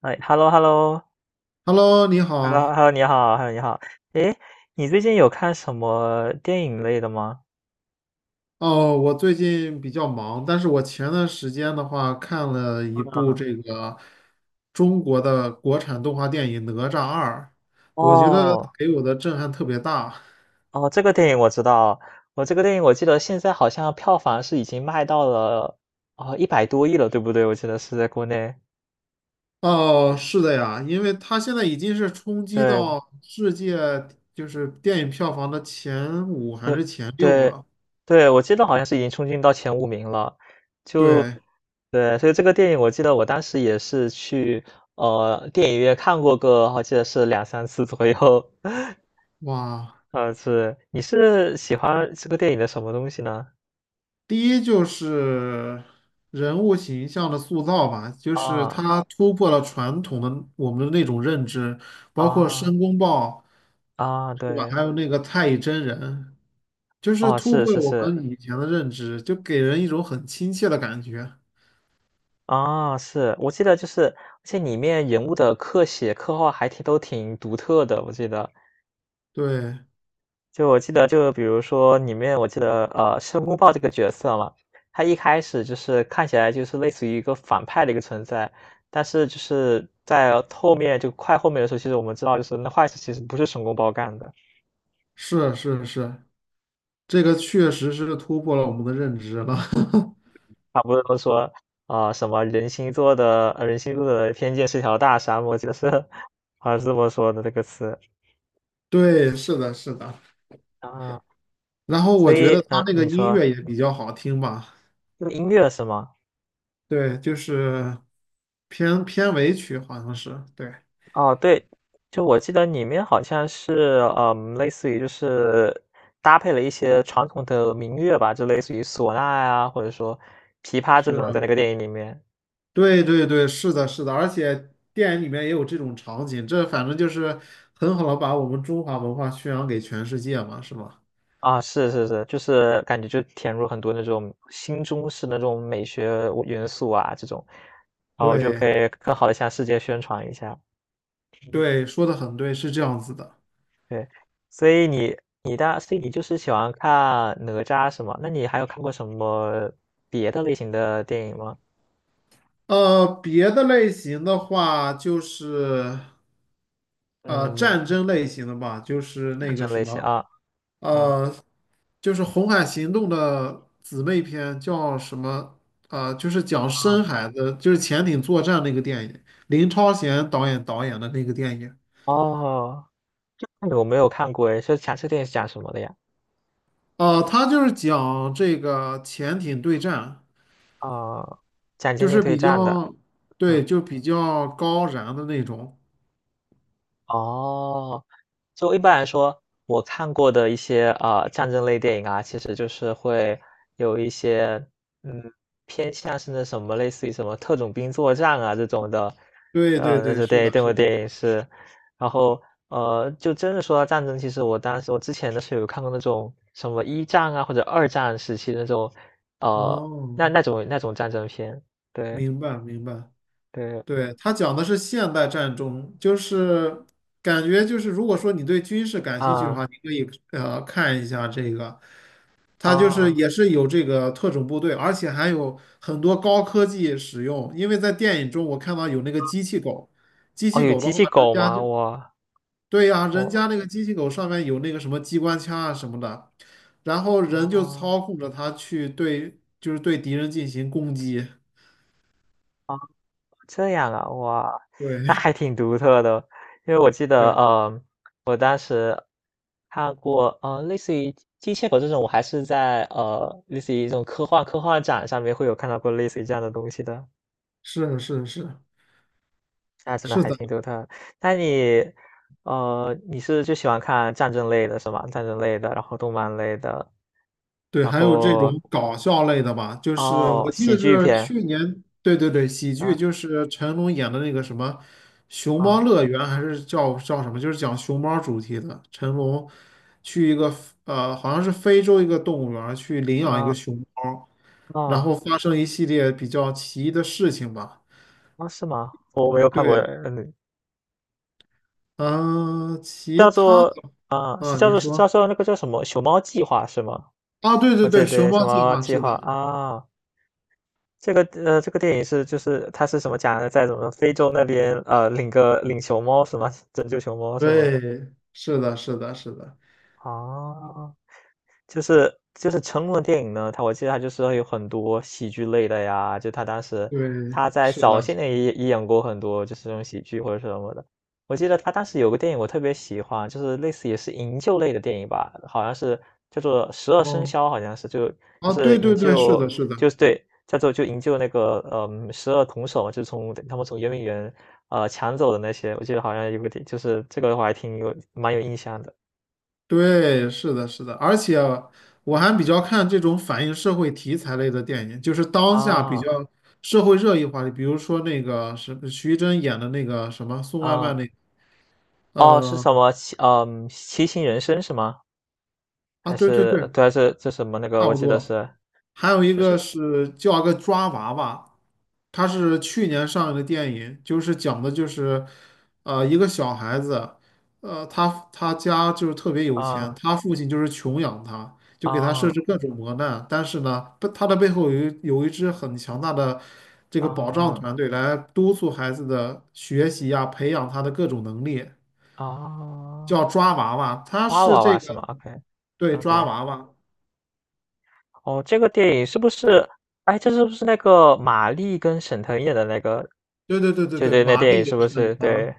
哎，hello，hello，hello，hello，Hello，你你好好。，hello，你好。诶，你最近有看什么电影类的吗？哦，我最近比较忙，但是我前段时间的话看了一部中国的国产动画电影《哪吒二》，我觉得哦，给我的震撼特别大。哦，这个电影我知道，这个电影我记得现在好像票房是已经卖到了哦一百多亿了，对不对？我记得是在国内。哦，是的呀，因为它现在已经是冲击对，到世界电影票房的前五还对，是前六对，了。对，我记得好像是已经冲进到前五名了。就对，对，所以这个电影我记得我当时也是去电影院看过个，我记得是两三次左右。哇。是，你是喜欢这个电影的什么东西呢？第一就是人物形象的塑造吧，就是啊它突破了传统的我们的那种认知，包括啊申公豹，啊，对吧？对，还有那个太乙真人，就是哦，突是破了是我是，们以前的认知，就给人一种很亲切的感觉。啊，是，我记得就是，而且里面人物的刻写、刻画还挺都挺独特的，我记得，对，就我记得就比如说里面我记得申公豹这个角色嘛，他一开始就是看起来就是类似于一个反派的一个存在，但是就是在后面就快后面的时候，其实我们知道就是那坏事其实不是申公豹干的。是是是，这个确实是突破了我们的认知了。他不是都说啊、什么人心做的偏见是条大沙漠，我记得是 好像是这么说的这个词对，是的，是的。啊。然后所我觉以得他那个你音说乐也比较好听吧。用音乐是吗？对，就是片尾曲，好像是，对，哦，对，就我记得里面好像是类似于就是搭配了一些传统的民乐吧，就类似于唢呐呀、或者说琵琶这种，是，在那个电影里面。对对对，是的，是的，而且电影里面也有这种场景，这反正就是很好的把我们中华文化宣扬给全世界嘛，是吧？啊，是是是，就是感觉就填入很多那种新中式的那种美学元素啊，这种，然后就对可以更好的向世界宣传一下。嗯，对，说的很对，是这样子的。对，所以你就是喜欢看哪吒是吗？那你还有看过什么别的类型的电影吗？别的类型的话，就是嗯，战争类型的吧，就是那战个争什类型么，啊，嗯呃。就是《红海行动》的姊妹篇，叫什么？就是讲啊，深海的，就是潜艇作战那个电影，林超贤导演的那个电影。哦，那个我没有看过诶，是讲这个电影是讲什么的呀？他就是讲这个潜艇对战，哦，讲就经济是对比战的，较，对，嗯。就比较高燃的那种。哦，就一般来说，我看过的一些啊战争类电影啊，其实就是会有一些嗯偏向是那什么，类似于什么特种兵作战啊这种的，对对那对，是是对的，这部是的。电影是，然后就真的说到战争，其实我当时我之前的时候有看过那种什么一战啊或者二战时期的那种，呃，哦，那种战争片，对明白明白。对对，他讲的是现代战争，就是感觉就是，如果说你对军事感兴趣的话，啊你可以看一下这个。它就是啊也是有这个特种部队，而且还有很多高科技使用。因为在电影中我看到有那个机器狗，机哦，器有狗的机话，器人狗家吗？就我对呀、人我。家那个机器狗上面有那个什么机关枪啊什么的，然后人就哦，操控着它去对，就是对敌人进行攻击。这样啊，哇，对 那 还挺独特的。因为我记对，得，我当时看过，类似于机械狗这种，我还是在类似于这种科幻展上面会有看到过类似于这样的东西的，是是是那真的是还的。挺独特。那你，你是就喜欢看战争类的是吗？战争类的，然后动漫类的，对，然还有这种后搞笑类的吧，就是哦，我记喜得剧是片，去年，对对对，喜剧啊就是成龙演的那个什么《熊猫啊乐园》，还是叫什么，就是讲熊猫主题的。成龙去一个好像是非洲一个动物园儿去领养一个啊熊猫，然哦后发生一系列比较奇异的事情吧。哦，是吗？我没有看过，对，嗯，嗯、其叫他做的啊，是啊，叫你做是叫说做那个叫什么《熊猫计划》是吗？啊，对对哦，对，对熊对，猫《熊计猫划计是的，划》啊，这个电影是就是它是什么讲的，在什么非洲那边领熊猫是吗？拯救熊猫是吗？对，是的，是的，是的，啊，就是成龙的电影呢，他我记得他就是会有很多喜剧类的呀，就他当时对，他在是早的。些年也演过很多就是这种喜剧或者是什么的。我记得他当时有个电影我特别喜欢，就是类似也是营救类的电影吧，好像是叫做《十二生哦，肖》，好像是就就啊，是对对营对，是救的，是的，就是对，叫做就营救那个十二铜首嘛就是从他们从圆明园抢走的那些，我记得好像有个电就是这个我还挺有蛮有印象的。对，是的，是的，而且我还比较看这种反映社会题材类的电影，就是当下比较啊社会热议话题，比如说那个是徐峥演的那个什么送外卖啊。那个，哦，是呃，什么七星人生是吗？啊，还对对是对，对啊，还是这什么那个？差我不记得多。是，还有一就个是是叫个抓娃娃，它是去年上映的电影，就是讲的就是，一个小孩子，他家就是特别有钱，啊他父亲就是穷养他，就给他设啊置各种磨难，但是呢，不他的背后有一支很强大的这个保障啊团队来督促孩子的学习呀、培养他的各种能力，啊，叫抓娃娃，他娃是娃这娃个，是吗？OK 对，抓 OK，娃娃，哦，这个电影是不是？哎，这是不是那个马丽跟沈腾演的那个？对对对对对，对，那玛电丽影是也不是很是？疼。对。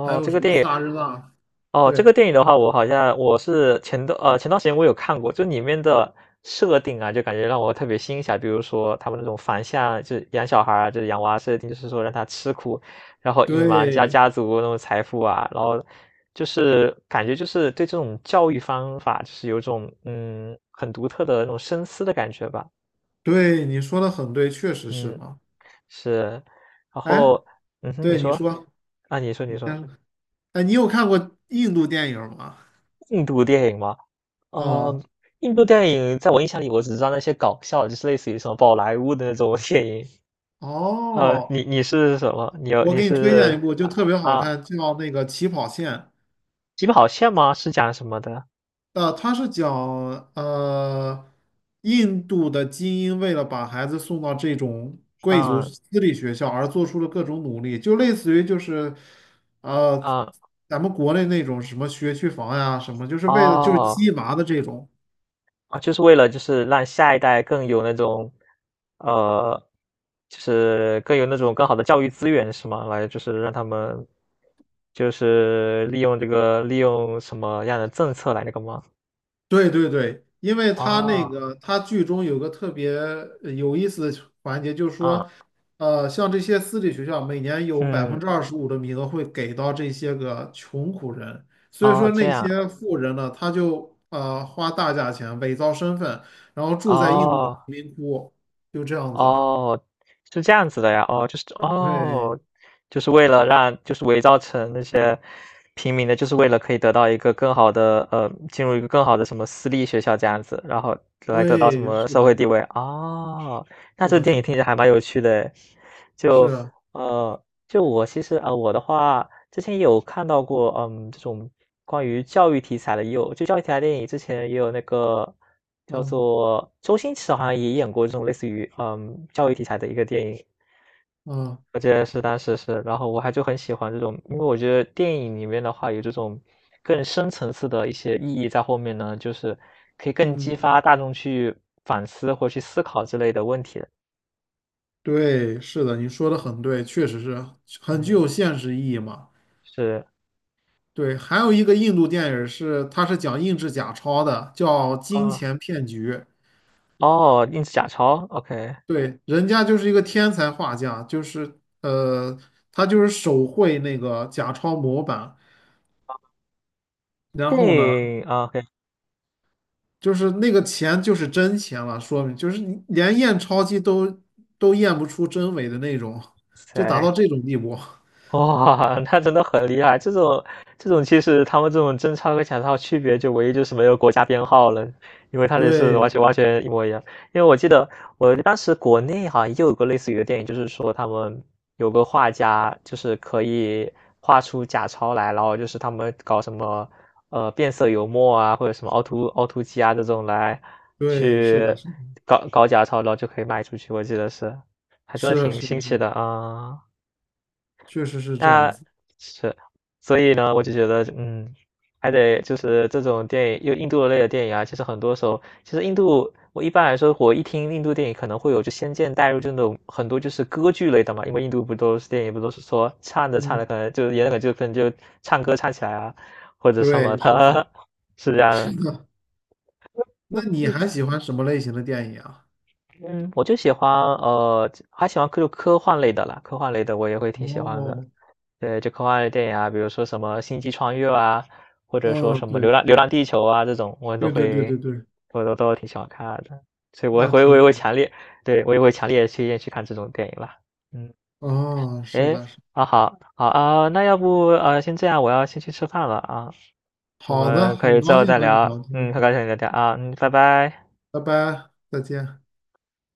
还有什么萨日纳？这个对，电影的话，我好像我是前段时间我有看过，就里面的设定啊，就感觉让我特别欣赏。比如说他们那种反向，就是养小孩儿啊，就是养娃设定，就是说让他吃苦，然后隐瞒家对家族那种财富啊，然后就是感觉就是对这种教育方法，就是有一种很独特的那种深思的感觉吧。对，你说的很对，确实是嗯，嘛。是，然哎，后嗯哼，你对你说说，啊，你说你你先说说。哎，你有看过印度电影吗？印度电影吗？啊、哦，印度电影在我印象里，我只知道那些搞笑，就是类似于什么宝莱坞的那种 电影。哦，你是什么？你有我你给你推荐是一部，就特别好啊，看，叫那个《起跑线》。起跑线吗？是讲什么的？他是讲呃，印度的精英为了把孩子送到这种贵族嗯私立学校而做出了各种努力，就类似于就是呃，嗯，咱们国内那种什么学区房呀，什么就是为了就是哦鸡娃的这种。啊，就是为了就是让下一代更有那种，呃，就是更有那种更好的教育资源是吗？来，就是让他们就是利用这个利用什么样的政策来那个吗？对对对，因为他那哦，个他剧中有个特别有意思的环节，就是啊，说，像这些私立学校每年有百分嗯，之二十五的名额会给到这些个穷苦人，所以哦，说这那样。些富人呢，他就花大价钱伪造身份，然后住在印度的哦，贫民窟，就这样子。哦，是这样子的呀，哦，就是对哦，就是为了让就是伪造成那些平民的，就是为了可以得到一个更好的，进入一个更好的什么私立学校这样子，然后来得到什对，么是社会的，地位，哦，那是这个的，电是影的，听着还蛮有趣的诶，是就，啊，呃就我其实啊、我的话之前也有看到过，嗯，这种关于教育题材的，也有就教育题材电影，之前也有那个叫啊做周星驰好像也演过这种类似于教育题材的一个电影，啊，我记得是当时是，然后我还就很喜欢这种，因为我觉得电影里面的话有这种更深层次的一些意义在后面呢，就是可以更嗯，激发大众去反思或去思考之类的问题的。对，是的，你说的很对，确实是很具有嗯，现实意义嘛。是对，还有一个印度电影是，他是讲印制假钞的，叫《金啊，钱骗局》。哦，印制假钞，OK。对，人家就是一个天才画家，就是他就是手绘那个假钞模板，然后呢，Hey, okay, 就是那个钱就是真钱了，说明就是你连验钞机都验不出真伪的那种，就达 so 到这种地步。哇，那真的很厉害！这种其实他们这种真钞和假钞区别就唯一就是没有国家编号了，因为它这是完对，全完全一模一样。因为我记得我当时国内好像也有个类似于的电影，就是说他们有个画家就是可以画出假钞来，然后就是他们搞什么变色油墨啊，或者什么凹凸机啊这种来对，是的，去是搞搞假钞，然后就可以卖出去。我记得是，还真的的，是挺是新奇是，的啊。确实是这样那子。是，所以呢，我就觉得，还得就是这种电影，又印度类的电影啊，其实很多时候，其实印度，我一般来说，我一听印度电影可能会有就先见代入这种很多就是歌剧类的嘛，因为印度不都是电影不都是说唱着唱着嗯，可能就演那个就可能就唱歌唱起来啊，或者什么对，是的，的，是这 样的。是的，那你还喜欢什么类型的电影啊？嗯，我就喜欢还喜欢科幻类的啦，科幻类的我也会挺喜欢的。哦，对，就科幻类电影啊，比如说什么《星际穿越》啊，或者说嗯，什么对，《流浪地球》啊这种，我都对对对会，对对，我都挺喜欢看的，所以那我也挺会好。强烈，对我也会强烈推荐去看这种电影了。嗯，啊，是诶，的，是的啊好，好啊，那要不先这样，我要先去吃饭了啊，我好的，们可很以之高后兴再和你聊，聊天，很高兴跟你聊天啊，拜拜。拜拜，再见。